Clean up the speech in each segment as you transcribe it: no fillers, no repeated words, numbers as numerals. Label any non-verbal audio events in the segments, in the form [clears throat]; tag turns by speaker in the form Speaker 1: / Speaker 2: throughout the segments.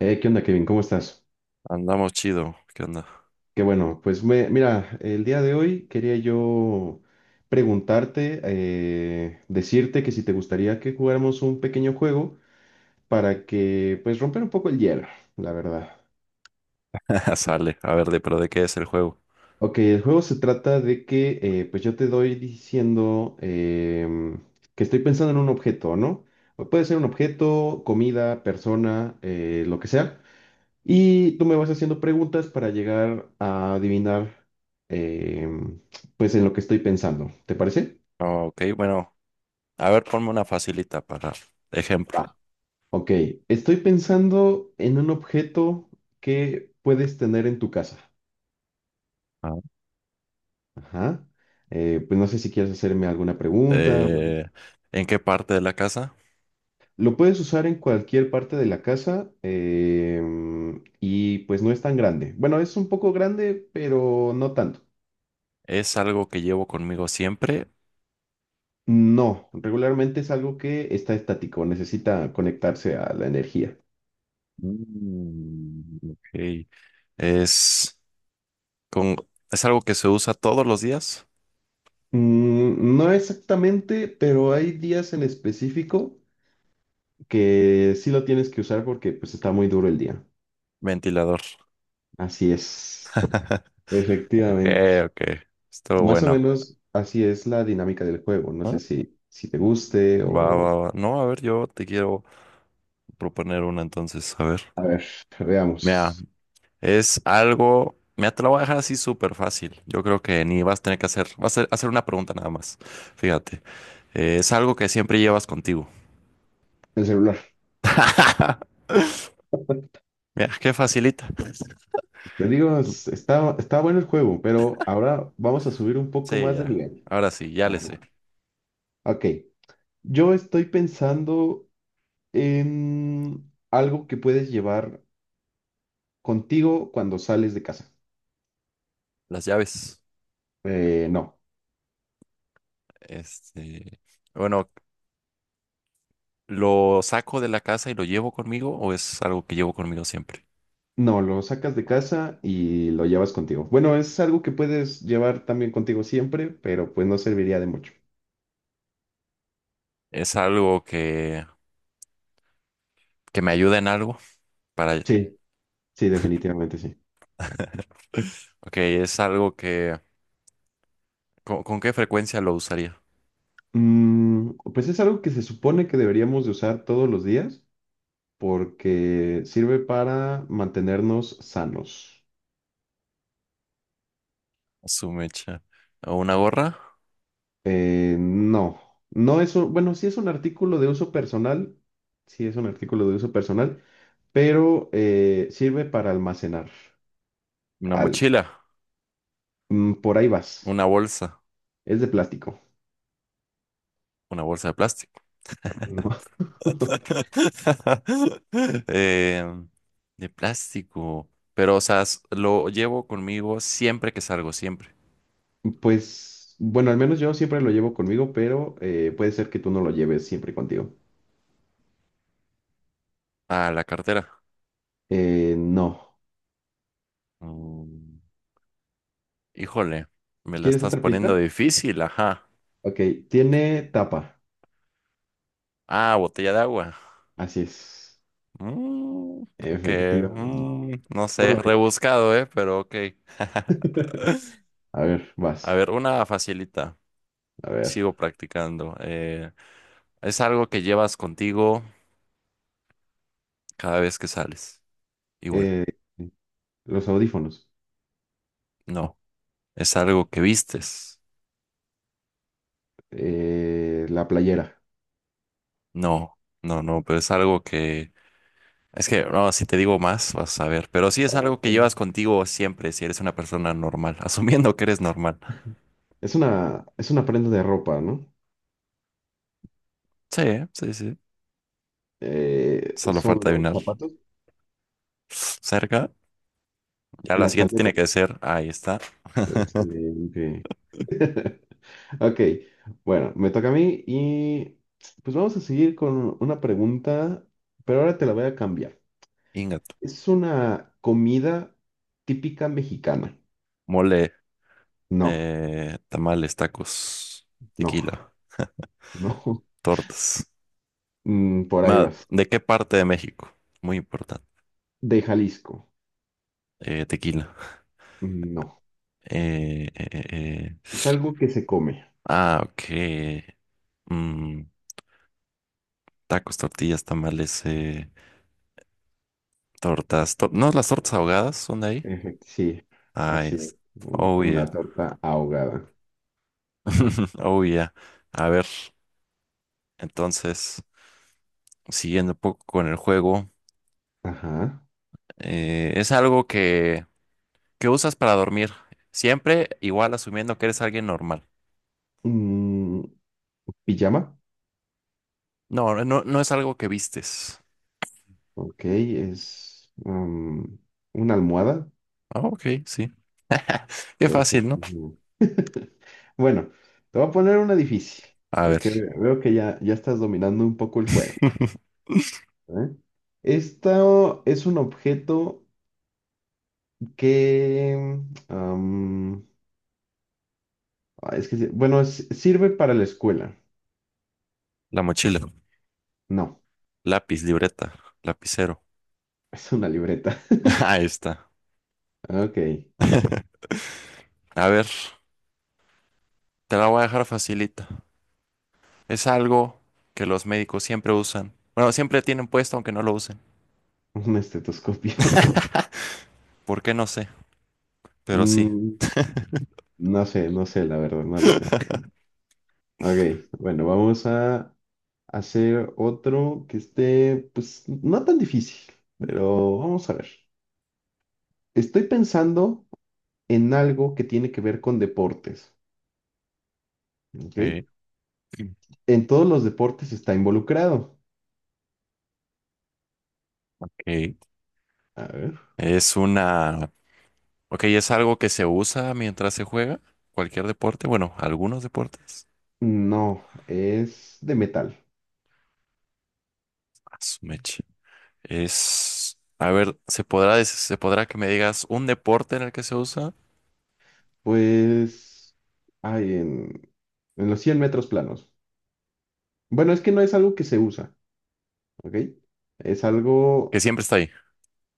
Speaker 1: ¿Qué onda, Kevin? ¿Cómo estás?
Speaker 2: Andamos chido. ¿Qué onda?
Speaker 1: Qué bueno, pues mira, el día de hoy quería yo preguntarte, decirte que si te gustaría que jugáramos un pequeño juego para que, pues, romper un poco el hielo, la verdad.
Speaker 2: [laughs] Sale. A ver, pero ¿de qué es el juego?
Speaker 1: Ok, el juego se trata de que, pues, yo te doy diciendo que estoy pensando en un objeto, ¿no? O puede ser un objeto, comida, persona, lo que sea. Y tú me vas haciendo preguntas para llegar a adivinar, em, pues, en lo que estoy pensando. ¿Te parece?
Speaker 2: Ok, bueno. A ver, ponme una facilita para ejemplo.
Speaker 1: Va. Ok, estoy pensando en un objeto que puedes tener en tu casa.
Speaker 2: Ah.
Speaker 1: Ajá. Pues no sé si quieres hacerme alguna pregunta, o algo
Speaker 2: Eh,
Speaker 1: así.
Speaker 2: ¿En qué parte de la casa?
Speaker 1: Lo puedes usar en cualquier parte de la casa y pues no es tan grande. Bueno, es un poco grande, pero no tanto.
Speaker 2: ¿Es algo que llevo conmigo siempre?
Speaker 1: No, regularmente es algo que está estático, necesita conectarse a la energía.
Speaker 2: Mm, ok. ¿Es, con, ¿Es algo que se usa todos los días?
Speaker 1: Mm, no exactamente, pero hay días en específico que sí lo tienes que usar porque pues está muy duro el día.
Speaker 2: Ventilador.
Speaker 1: Así es,
Speaker 2: [laughs] Ok,
Speaker 1: efectivamente.
Speaker 2: ok. Estuvo
Speaker 1: Más o
Speaker 2: bueno.
Speaker 1: menos así es la dinámica del juego. No sé
Speaker 2: ¿Ah?
Speaker 1: si te guste
Speaker 2: Va, va,
Speaker 1: o...
Speaker 2: va. No, a ver, yo te quiero proponer una entonces. A ver.
Speaker 1: A ver,
Speaker 2: Mira,
Speaker 1: veamos.
Speaker 2: es algo, me te lo voy a dejar así súper fácil. Yo creo que ni vas a tener que hacer, vas a hacer una pregunta nada más. Fíjate, es algo que siempre llevas contigo.
Speaker 1: El celular.
Speaker 2: [laughs] Mira, qué facilita.
Speaker 1: Te digo, está, está bueno el juego, pero ahora vamos a subir un poco
Speaker 2: Sí,
Speaker 1: más de
Speaker 2: ya.
Speaker 1: nivel.
Speaker 2: Ahora sí, ya
Speaker 1: A
Speaker 2: le
Speaker 1: ver,
Speaker 2: sé.
Speaker 1: va. Ok. Yo estoy pensando en algo que puedes llevar contigo cuando sales de casa.
Speaker 2: Las llaves.
Speaker 1: No,
Speaker 2: Este, bueno, ¿lo saco de la casa y lo llevo conmigo o es algo que llevo conmigo siempre?
Speaker 1: no, lo sacas de casa y lo llevas contigo. Bueno, es algo que puedes llevar también contigo siempre, pero pues no serviría de mucho.
Speaker 2: Es algo que me ayuda en algo para... [laughs]
Speaker 1: Sí, sí, definitivamente sí.
Speaker 2: Ok, es algo que... ¿Con qué frecuencia lo usaría?
Speaker 1: Mm, pues es algo que se supone que deberíamos de usar todos los días porque sirve para mantenernos sanos.
Speaker 2: Su mecha. Una gorra,
Speaker 1: No, no es un, bueno, sí es un artículo de uso personal, sí es un artículo de uso personal, pero sirve para almacenar
Speaker 2: una
Speaker 1: algo.
Speaker 2: mochila,
Speaker 1: Mm, por ahí vas,
Speaker 2: una bolsa,
Speaker 1: es de plástico.
Speaker 2: una bolsa de plástico.
Speaker 1: No. [laughs]
Speaker 2: [laughs] Eh, de plástico. Pero, o sea, s- lo llevo conmigo siempre que salgo, siempre.
Speaker 1: Pues, bueno, al menos yo siempre lo llevo conmigo, pero puede ser que tú no lo lleves siempre contigo.
Speaker 2: A la cartera.
Speaker 1: No.
Speaker 2: Mm, híjole, me la
Speaker 1: ¿Quieres
Speaker 2: estás
Speaker 1: otra
Speaker 2: poniendo
Speaker 1: pista?
Speaker 2: difícil, ajá.
Speaker 1: Ok, tiene tapa,
Speaker 2: Ah, botella de agua.
Speaker 1: así es,
Speaker 2: Mm, ok,
Speaker 1: efectivamente.
Speaker 2: mm, no sé,
Speaker 1: Ponlo ahí.
Speaker 2: rebuscado, ¿eh? Pero ok. [laughs]
Speaker 1: [laughs] A ver,
Speaker 2: A
Speaker 1: vas,
Speaker 2: ver, una facilita.
Speaker 1: a ver.
Speaker 2: Sigo practicando. Es algo que llevas contigo cada vez que sales. Igual,
Speaker 1: eh, Los audífonos.
Speaker 2: no. Es algo que vistes.
Speaker 1: La playera.
Speaker 2: No, no, no, pero es algo que... Es que, no, si te digo más, vas a ver. Pero sí es
Speaker 1: Ah,
Speaker 2: algo que
Speaker 1: eh,
Speaker 2: llevas contigo siempre si eres una persona normal, [laughs] asumiendo que eres normal.
Speaker 1: Es una prenda de ropa, ¿no?
Speaker 2: Sí, sí, sí. Solo
Speaker 1: Son
Speaker 2: falta
Speaker 1: los
Speaker 2: adivinar.
Speaker 1: zapatos,
Speaker 2: Cerca. Ya la
Speaker 1: las
Speaker 2: siguiente tiene
Speaker 1: calcetas.
Speaker 2: que ser, ahí está,
Speaker 1: Excelente. [laughs] Ok, bueno, me toca a mí y pues vamos a seguir con una pregunta, pero ahora te la voy a cambiar.
Speaker 2: ingato.
Speaker 1: ¿Es una comida típica mexicana?
Speaker 2: Mole,
Speaker 1: No,
Speaker 2: tamales, tacos,
Speaker 1: no,
Speaker 2: tequila,
Speaker 1: no. [laughs]
Speaker 2: tortas.
Speaker 1: Mm, por ahí
Speaker 2: Ma-
Speaker 1: vas.
Speaker 2: ¿De qué parte de México? Muy importante.
Speaker 1: ¿De Jalisco?
Speaker 2: Tequila.
Speaker 1: No.
Speaker 2: Eh.
Speaker 1: Es algo que se come.
Speaker 2: Ah, ok. Mm, tacos, tortillas, tamales, tortas. To- ¿no las tortas ahogadas son de ahí?
Speaker 1: Sí,
Speaker 2: Ah,
Speaker 1: así es.
Speaker 2: es. Oh, yeah.
Speaker 1: Una torta ahogada.
Speaker 2: [laughs] Oh, yeah. A ver, entonces, siguiendo un poco con el juego,
Speaker 1: Ajá.
Speaker 2: es algo que usas para dormir. Siempre igual asumiendo que eres alguien normal.
Speaker 1: Mm, pijama.
Speaker 2: No, no, no, es algo que vistes.
Speaker 1: Ok, es una almohada.
Speaker 2: Ah, ok, sí. [laughs] Qué fácil,
Speaker 1: Perfecto.
Speaker 2: ¿no?
Speaker 1: [laughs] Bueno, te voy a poner una difícil,
Speaker 2: A
Speaker 1: porque
Speaker 2: ver,
Speaker 1: veo que ya estás dominando un poco el juego.
Speaker 2: [laughs]
Speaker 1: ¿Eh? Esto es un objeto que... um, ah, es que, bueno, sirve para la escuela.
Speaker 2: la mochila.
Speaker 1: No,
Speaker 2: Lápiz, libreta, lapicero.
Speaker 1: [laughs] es una libreta.
Speaker 2: [laughs]
Speaker 1: [laughs]
Speaker 2: Ahí está.
Speaker 1: Ok,
Speaker 2: [laughs] A ver, te la voy a dejar facilita. Es algo que los médicos siempre usan. Bueno, siempre tienen puesto aunque no lo usen.
Speaker 1: un estetoscopio.
Speaker 2: ¿Por qué? No sé, pero sí.
Speaker 1: Mm, no sé, no sé, la verdad, no lo sé.
Speaker 2: [laughs]
Speaker 1: Ok, bueno, vamos a hacer otro que esté, pues, no tan difícil, pero vamos a ver. Estoy pensando en algo que tiene que ver con deportes, ¿ok?
Speaker 2: Ok,
Speaker 1: En todos los deportes está involucrado.
Speaker 2: ok.
Speaker 1: A ver.
Speaker 2: Es una... Ok, es algo que se usa mientras se juega cualquier deporte. Bueno, algunos deportes.
Speaker 1: No, es de metal.
Speaker 2: A su meche. Es... A ver, ¿se podrá, des- se podrá que me digas un deporte en el que se usa?
Speaker 1: Pues, ay, en los 100 metros planos. Bueno, es que no es algo que se usa, ¿ok? Es
Speaker 2: Que
Speaker 1: algo...
Speaker 2: siempre está ahí.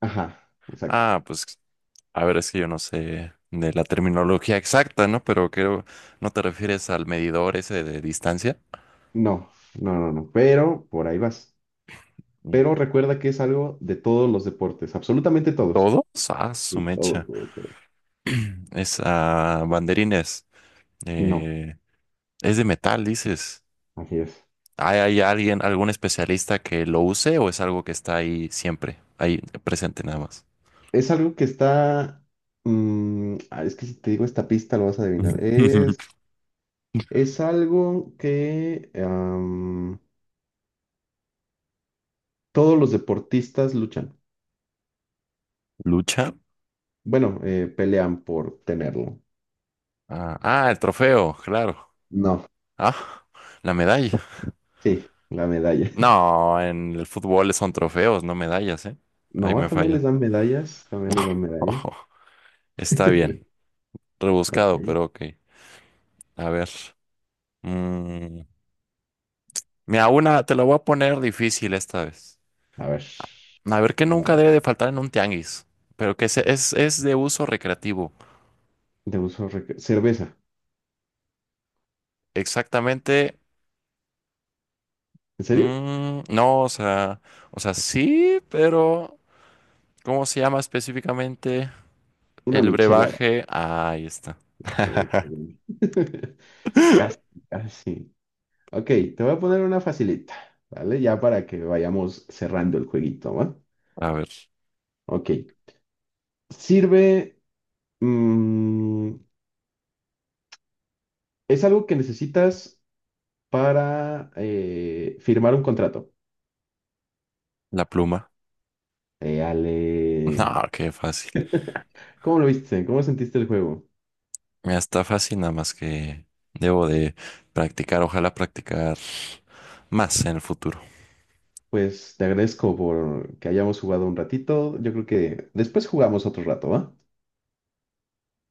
Speaker 1: Ajá, exacto.
Speaker 2: Ah, pues a ver, es que yo no sé de la terminología exacta, ¿no? Pero creo, ¿no te refieres al medidor ese de distancia?
Speaker 1: No, no, no, no, pero por ahí vas.
Speaker 2: Mm.
Speaker 1: Pero recuerda que es algo de todos los deportes, absolutamente todos.
Speaker 2: ¿Todos? Ah, su
Speaker 1: Sí, todo,
Speaker 2: mecha.
Speaker 1: todo, todo.
Speaker 2: [clears throat] Es a banderines.
Speaker 1: No,
Speaker 2: Eh, es de metal, dices.
Speaker 1: así es.
Speaker 2: ¿Hay, algún especialista que lo use o es algo que está ahí siempre, ahí presente nada más?
Speaker 1: Es algo que está... mm, ah, es que si te digo esta pista lo vas a adivinar.
Speaker 2: [laughs]
Speaker 1: Es algo que todos los deportistas luchan.
Speaker 2: ¿Lucha?
Speaker 1: Bueno, pelean por tenerlo.
Speaker 2: Ah, ah, el trofeo, claro.
Speaker 1: No,
Speaker 2: Ah, la medalla.
Speaker 1: sí, la medalla. [laughs]
Speaker 2: No, en el fútbol son trofeos, no medallas, ¿eh? Ahí
Speaker 1: No,
Speaker 2: me
Speaker 1: también les
Speaker 2: falla.
Speaker 1: dan medallas, también les dan
Speaker 2: [laughs]
Speaker 1: medallas.
Speaker 2: Ojo, está bien.
Speaker 1: [laughs] Ok,
Speaker 2: Rebuscado, pero ok. A ver. Mm, mira, una, te la voy a poner difícil esta vez.
Speaker 1: a ver.
Speaker 2: A ver, que nunca debe de faltar en un tianguis, pero es de uso recreativo.
Speaker 1: Cerveza.
Speaker 2: Exactamente.
Speaker 1: ¿En serio?
Speaker 2: Mm, no, o sea, sí, pero ¿cómo se llama específicamente
Speaker 1: Una
Speaker 2: el
Speaker 1: michelada.
Speaker 2: brebaje? Ah, ahí está.
Speaker 1: Qué
Speaker 2: [laughs]
Speaker 1: bueno. [laughs] Casi, casi. Ok, te voy a poner una facilita, ¿vale? Ya para que vayamos cerrando el jueguito, ¿va?
Speaker 2: A ver,
Speaker 1: Ok. Sirve. Mm, es algo que necesitas para firmar un contrato.
Speaker 2: la pluma.
Speaker 1: Ale.
Speaker 2: No, qué fácil.
Speaker 1: ¿Cómo lo viste? ¿Cómo sentiste el juego?
Speaker 2: Me está fácil, nada más que debo de practicar, ojalá practicar más en el futuro.
Speaker 1: Pues te agradezco por que hayamos jugado un ratito. Yo creo que después jugamos otro rato, ¿va?